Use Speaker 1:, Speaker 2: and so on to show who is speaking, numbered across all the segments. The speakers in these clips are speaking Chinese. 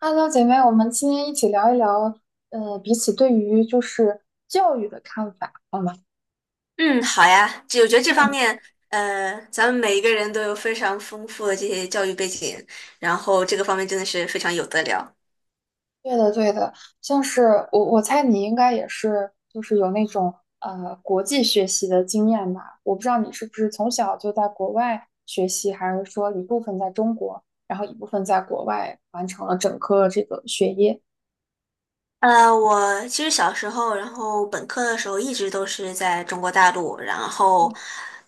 Speaker 1: Hello，姐妹，我们今天一起聊一聊，彼此对于就是教育的看法，好吗？
Speaker 2: 嗯，好呀，这我觉得这方
Speaker 1: 嗯，
Speaker 2: 面，咱们每一个人都有非常丰富的这些教育背景，然后这个方面真的是非常有得聊。
Speaker 1: 对的，对的，像是我猜你应该也是，就是有那种国际学习的经验吧？我不知道你是不是从小就在国外学习，还是说一部分在中国，然后一部分在国外完成了整个这个学业。
Speaker 2: 我其实小时候，然后本科的时候一直都是在中国大陆，然后，
Speaker 1: 嗯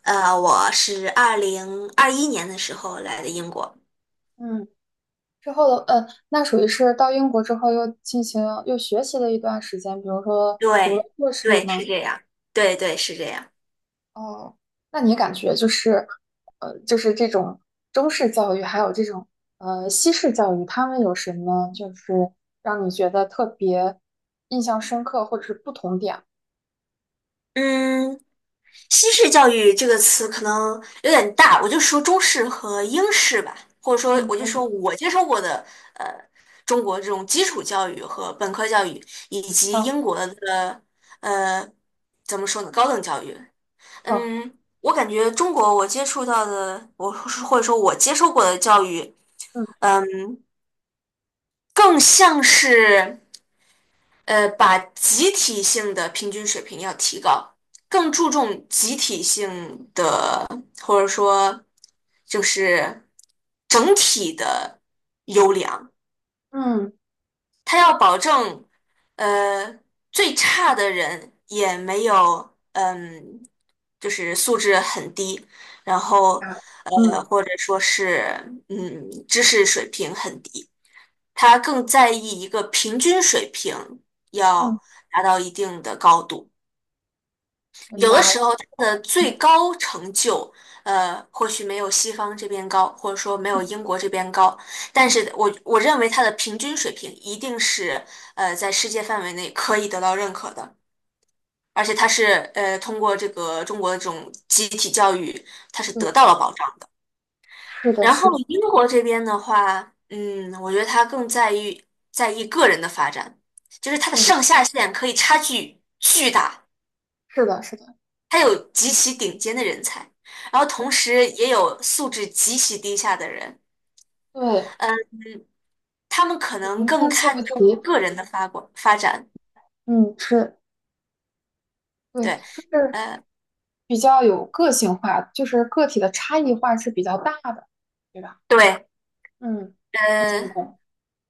Speaker 2: 我是2021年的时候来的英国。
Speaker 1: 嗯，之后的，那属于是到英国之后又进行又学习了一段时间，比如说读了
Speaker 2: 对，
Speaker 1: 硕士
Speaker 2: 对，是
Speaker 1: 吗？
Speaker 2: 这样，对对是这样。
Speaker 1: 哦，那你感觉就是，就是这种中式教育，还有这种西式教育，他们有什么就是让你觉得特别印象深刻，或者是不同点？
Speaker 2: 嗯，西式教育这个词可能有点大，我就说中式和英式吧，或者说
Speaker 1: 嗯，
Speaker 2: 我就
Speaker 1: 可以，
Speaker 2: 说我接受过的呃中国这种基础教育和本科教育，以及
Speaker 1: 好，
Speaker 2: 英国的呃怎么说呢高等教育。
Speaker 1: 好，
Speaker 2: 嗯，我感觉中国我接触到的，我或者说我接受过的教育，
Speaker 1: 嗯
Speaker 2: 嗯，更像是把集体性的平均水平要提高，更注重集体性的。或者说就是整体的优良，
Speaker 1: 嗯
Speaker 2: 他要保证呃最差的人也没有就是素质很低，然后
Speaker 1: 啊，嗯
Speaker 2: 或者说是知识水平很低，他更在意一个平均水平
Speaker 1: 嗯，
Speaker 2: 要达到一定的高度。
Speaker 1: 明
Speaker 2: 有的
Speaker 1: 白
Speaker 2: 时
Speaker 1: 了。
Speaker 2: 候他的最
Speaker 1: 嗯
Speaker 2: 高成就，或许没有西方这边高，或者说没有英国这边高，但是我认为他的平均水平一定是在世界范围内可以得到认可的，而且他是通过这个中国的这种集体教育，他是得
Speaker 1: 对，
Speaker 2: 到了保障。
Speaker 1: 是的，
Speaker 2: 然后
Speaker 1: 是的，
Speaker 2: 英国这边的话，嗯，我觉得他更在意个人的发展，就是他的
Speaker 1: 对，
Speaker 2: 上下限可以差距巨大。
Speaker 1: 是的，是的，
Speaker 2: 他有极其顶尖的人才，然后同时也有素质极其低下的人。
Speaker 1: 对，
Speaker 2: 嗯，他们可能
Speaker 1: 零
Speaker 2: 更
Speaker 1: 参差不
Speaker 2: 看重
Speaker 1: 齐，
Speaker 2: 个人的发光发展，
Speaker 1: 嗯，是，对，就
Speaker 2: 对，
Speaker 1: 是
Speaker 2: 呃，
Speaker 1: 比较有个性化，就是个体的差异化是比较大的，对吧？
Speaker 2: 对，
Speaker 1: 嗯，我赞
Speaker 2: 呃，
Speaker 1: 同。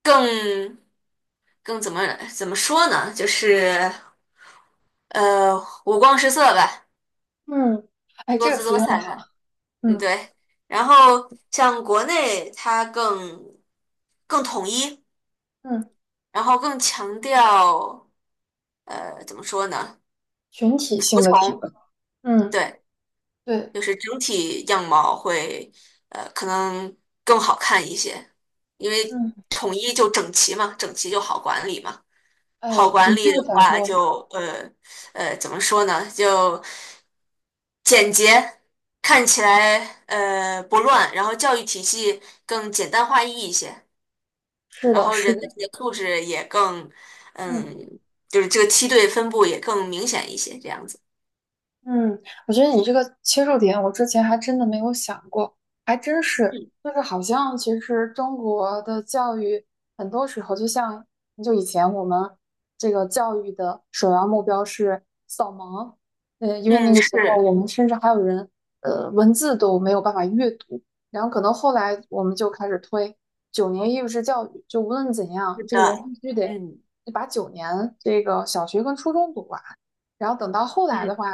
Speaker 2: 更更怎么说呢？就是呃，五光十色吧，
Speaker 1: 嗯，哎，
Speaker 2: 多
Speaker 1: 这个
Speaker 2: 姿
Speaker 1: 词
Speaker 2: 多
Speaker 1: 用的
Speaker 2: 彩
Speaker 1: 好。
Speaker 2: 的，嗯，
Speaker 1: 嗯
Speaker 2: 对。然后像国内，它更统一，
Speaker 1: 嗯，
Speaker 2: 然后更强调怎么说呢？
Speaker 1: 群体
Speaker 2: 服
Speaker 1: 性的提
Speaker 2: 从。
Speaker 1: 高。嗯，
Speaker 2: 对，
Speaker 1: 对，
Speaker 2: 就是整体样貌会可能更好看一些，因为
Speaker 1: 嗯，
Speaker 2: 统一就整齐嘛，整齐就好管理嘛。好
Speaker 1: 哎，
Speaker 2: 管
Speaker 1: 你
Speaker 2: 理
Speaker 1: 这
Speaker 2: 的
Speaker 1: 个角
Speaker 2: 话
Speaker 1: 度
Speaker 2: 就怎么说呢？就简洁，看起来不乱，然后教育体系更简单化一些，
Speaker 1: 是
Speaker 2: 然
Speaker 1: 的，
Speaker 2: 后
Speaker 1: 是
Speaker 2: 人的
Speaker 1: 的。
Speaker 2: 这个素质也更
Speaker 1: 嗯。
Speaker 2: 嗯，就是这个梯队分布也更明显一些，这样子。
Speaker 1: 嗯，我觉得你这个切入点，我之前还真的没有想过，还真是，
Speaker 2: 嗯
Speaker 1: 就是好像其实中国的教育很多时候，就像很久以前我们这个教育的首要目标是扫盲，因为那
Speaker 2: 嗯，
Speaker 1: 个时候
Speaker 2: 是
Speaker 1: 我们甚至还有人文字都没有办法阅读，然后可能后来我们就开始推九年义务制教育，就无论怎样，
Speaker 2: 是
Speaker 1: 这个人
Speaker 2: 的，
Speaker 1: 必须得
Speaker 2: 嗯
Speaker 1: 把九年这个小学跟初中读完。然后等到后来
Speaker 2: 嗯。
Speaker 1: 的话，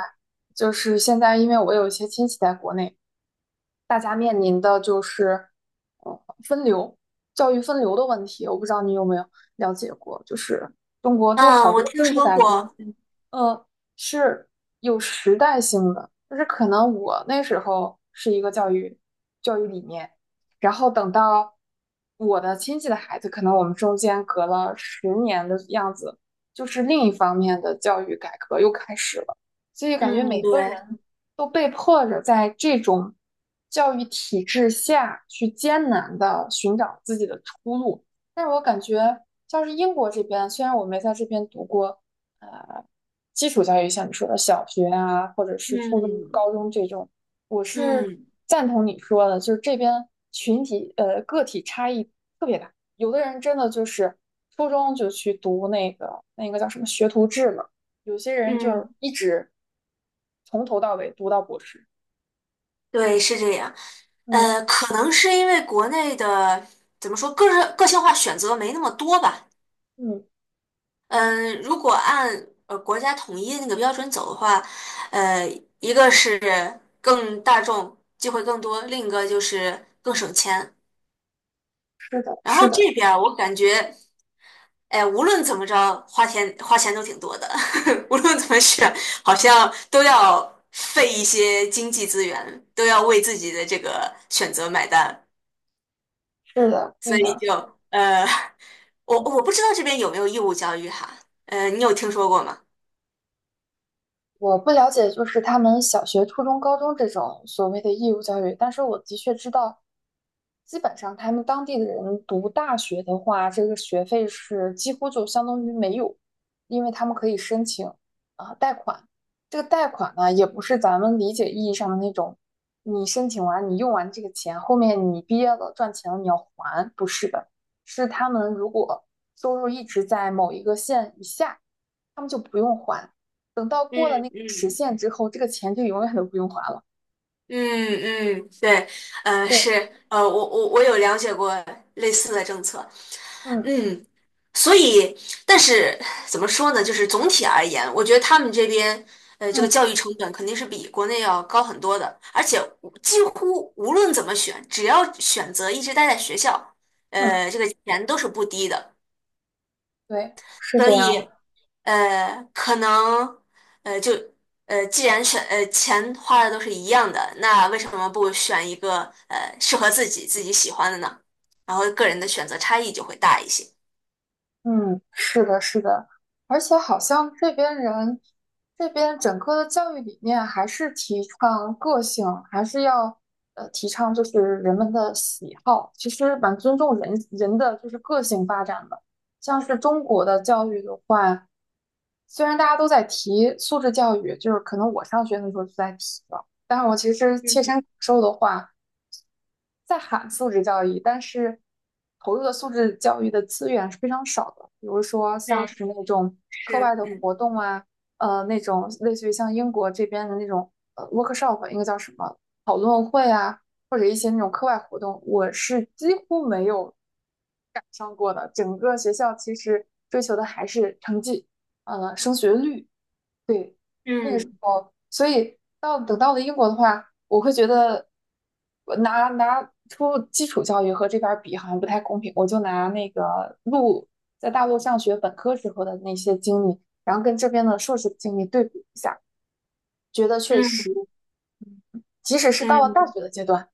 Speaker 1: 就是现在，因为我有一些亲戚在国内，大家面临的就是，呃，分流，教育分流的问题。我不知道你有没有了解过，就是中国就
Speaker 2: 嗯，
Speaker 1: 好
Speaker 2: 我
Speaker 1: 多
Speaker 2: 听
Speaker 1: 政治
Speaker 2: 说
Speaker 1: 改革，
Speaker 2: 过，
Speaker 1: 呃，是有时代性的，就是可能我那时候是一个教育理念，然后等到我的亲戚的孩子，可能我们中间隔了十年的样子，就是另一方面的教育改革又开始了，所以感觉
Speaker 2: 嗯，
Speaker 1: 每个
Speaker 2: 对，
Speaker 1: 人都被迫着在这种教育体制下去艰难的寻找自己的出路，但是我感觉像是英国这边，虽然我没在这边读过。基础教育，像你说的小学啊，或者是初中、
Speaker 2: 嗯
Speaker 1: 高中这种，我是
Speaker 2: 嗯
Speaker 1: 赞同你说的，就是这边群体个体差异特别大，有的人真的就是初中就去读那个叫什么学徒制嘛，有些人就是
Speaker 2: 嗯，
Speaker 1: 一直从头到尾读到博士。
Speaker 2: 对，是这样。
Speaker 1: 嗯
Speaker 2: 可能是因为国内的怎么说，个人个性化选择没那么多吧。
Speaker 1: 嗯，对，
Speaker 2: 嗯、如果按国家统一的那个标准走的话，呃，一个是更大众，机会更多，另一个就是更省钱。
Speaker 1: 是的，
Speaker 2: 然
Speaker 1: 是
Speaker 2: 后
Speaker 1: 的，
Speaker 2: 这边儿我感觉，哎，无论怎么着，花钱都挺多的，无论怎么选，好像都要费一些经济资源，都要为自己的这个选择买单，
Speaker 1: 是的，
Speaker 2: 所
Speaker 1: 对
Speaker 2: 以
Speaker 1: 的。
Speaker 2: 就呃，我
Speaker 1: 嗯
Speaker 2: 我不知道这边有没有义务教育哈，你有听说过吗？
Speaker 1: 我不了解，就是他们小学、初中、高中这种所谓的义务教育，但是我的确知道，基本上他们当地的人读大学的话，这个学费是几乎就相当于没有，因为他们可以申请啊贷款。这个贷款呢，也不是咱们理解意义上的那种，你申请完你用完这个钱，后面你毕业了赚钱了你要还，不是的，是他们如果收入一直在某一个线以下，他们就不用还。等到
Speaker 2: 嗯
Speaker 1: 过了那个时
Speaker 2: 嗯，
Speaker 1: 限之后，这个钱就永远都不用还了。
Speaker 2: 嗯嗯，对，是，
Speaker 1: 对，
Speaker 2: 我有了解过类似的政策，
Speaker 1: 嗯
Speaker 2: 嗯，所以，但是怎么说呢？就是总体而言，我觉得他们这边，这个
Speaker 1: 嗯
Speaker 2: 教育成本肯定是比国内要高很多的，而且无几乎无论怎么选，只要选择一直待在学校，
Speaker 1: 嗯，
Speaker 2: 这个钱都是不低的。
Speaker 1: 对，是
Speaker 2: 所
Speaker 1: 这样。
Speaker 2: 以，可能，就，既然选，钱花的都是一样的，那为什么不选一个，适合自己喜欢的呢？然后个人的选择差异就会大一些。
Speaker 1: 嗯，是的，是的，而且好像这边人，这边整个的教育理念还是提倡个性，还是要提倡就是人们的喜好，其实蛮尊重人人的就是个性发展的。像是中国的教育的话，虽然大家都在提素质教育，就是可能我上学的时候就在提了，但是我其实切身感受的话。在喊素质教育，但是投入的素质教育的资源是非常少的。比如说像
Speaker 2: 嗯，
Speaker 1: 是那种课
Speaker 2: 是，
Speaker 1: 外的
Speaker 2: 嗯。
Speaker 1: 活动啊，那种类似于像英国这边的那种workshop，应该叫什么讨论会啊，或者一些那种课外活动，我是几乎没有赶上过的。整个学校其实追求的还是成绩，升学率。对，
Speaker 2: 嗯
Speaker 1: 所以到等到了英国的话，我会觉得我拿出基础教育和这边儿比好像不太公平。我就拿那个在大陆上学本科时候的那些经历，然后跟这边的硕士经历对比一下，觉得确实。
Speaker 2: 嗯
Speaker 1: 即使是到了大
Speaker 2: 嗯
Speaker 1: 学的阶段，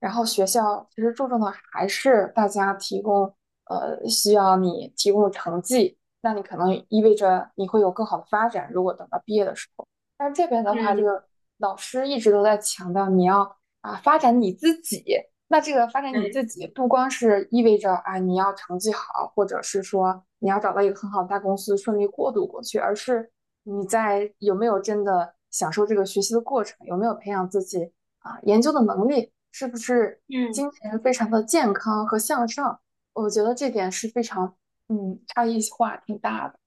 Speaker 1: 然后学校其实注重的还是大家提供，需要你提供的成绩，那你可能意味着你会有更好的发展。如果等到毕业的时候，但是这边的话，这
Speaker 2: 嗯，
Speaker 1: 个老师一直都在强调你要发展你自己。那这个发展你
Speaker 2: 对，
Speaker 1: 自己，不光是意味着你要成绩好，或者是说你要找到一个很好的大公司顺利过渡过去，而是你在有没有真的享受这个学习的过程，有没有培养自己研究的能力是不是
Speaker 2: 嗯。
Speaker 1: 精神非常的健康和向上？我觉得这点是非常，差异化挺大的。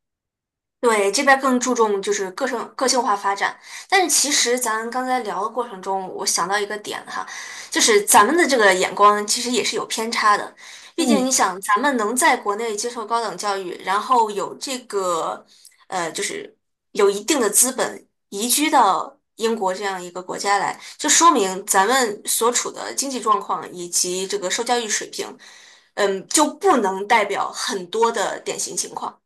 Speaker 2: 对，这边更注重就是个性化发展，但是其实咱刚才聊的过程中，我想到一个点哈，就是咱们的这个眼光其实也是有偏差的，毕竟
Speaker 1: 嗯，
Speaker 2: 你想，咱们能在国内接受高等教育，然后有这个就是有一定的资本移居到英国这样一个国家来，就说明咱们所处的经济状况以及这个受教育水平，嗯，就不能代表很多的典型情况。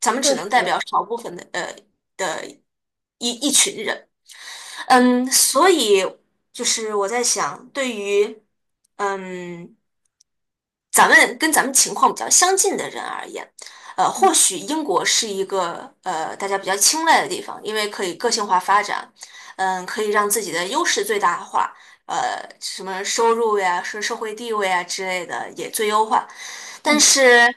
Speaker 2: 咱们
Speaker 1: 确
Speaker 2: 只能代
Speaker 1: 实，
Speaker 2: 表少部分的的一群人，
Speaker 1: 对，
Speaker 2: 嗯，所以就是我在想，对于嗯咱们跟咱们情况比较相近的人而言，
Speaker 1: 嗯
Speaker 2: 或许英国是一个大家比较青睐的地方，因为可以个性化发展，嗯，可以让自己的优势最大化，什么收入呀、是社会地位啊之类的也最优化。但
Speaker 1: 嗯
Speaker 2: 是，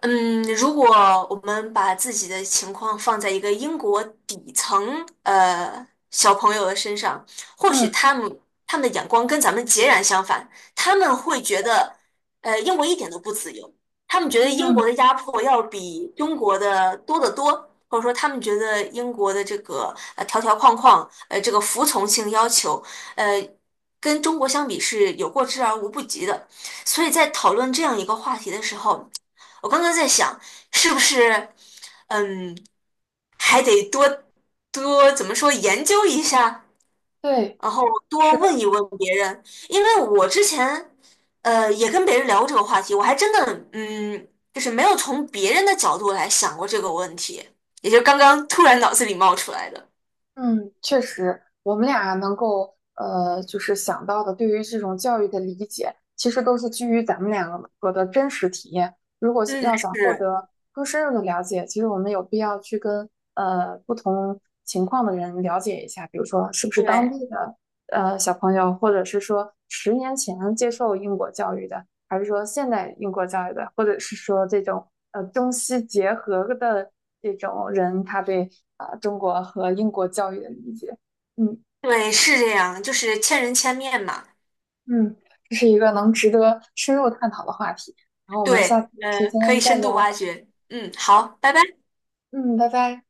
Speaker 2: 嗯，如果我们把自己的情况放在一个英国底层小朋友的身上，或许
Speaker 1: 嗯
Speaker 2: 他们的眼光跟咱们截然相反，他们会觉得。英国一点都不自由，他们觉得英国
Speaker 1: 嗯，
Speaker 2: 的压迫要比中国的多得多，或者说他们觉得英国的这个条条框框，这个服从性要求，呃跟中国相比是有过之而无不及的。所以在讨论这样一个话题的时候，我刚刚在想，是不是嗯还得多怎么说研究一下，
Speaker 1: 对，
Speaker 2: 然后多
Speaker 1: 是。
Speaker 2: 问
Speaker 1: 的。
Speaker 2: 一问别人，因为我之前也跟别人聊过这个话题，我还真的嗯，就是没有从别人的角度来想过这个问题，也就刚刚突然脑子里冒出来的。
Speaker 1: 嗯，确实，我们俩能够就是想到的，对于这种教育的理解，其实都是基于咱们两个的真实体验。如果是
Speaker 2: 嗯，
Speaker 1: 要想获
Speaker 2: 是，
Speaker 1: 得更深入的了解，其实我们有必要去跟不同情况的人了解一下，比如说是不是当
Speaker 2: 对，
Speaker 1: 地的小朋友，或者是说十年前接受英国教育的，还是说现代英国教育的，或者是说这种中西结合的这种人，他对啊中国和英国教育的理解。嗯
Speaker 2: 对，是这样，就是千人千面嘛。
Speaker 1: 嗯，这是一个能值得深入探讨的话题。然后我们下次
Speaker 2: 对，
Speaker 1: 有时间
Speaker 2: 可以
Speaker 1: 再
Speaker 2: 深度
Speaker 1: 聊。
Speaker 2: 挖掘。嗯，好，拜拜。
Speaker 1: 嗯，拜拜。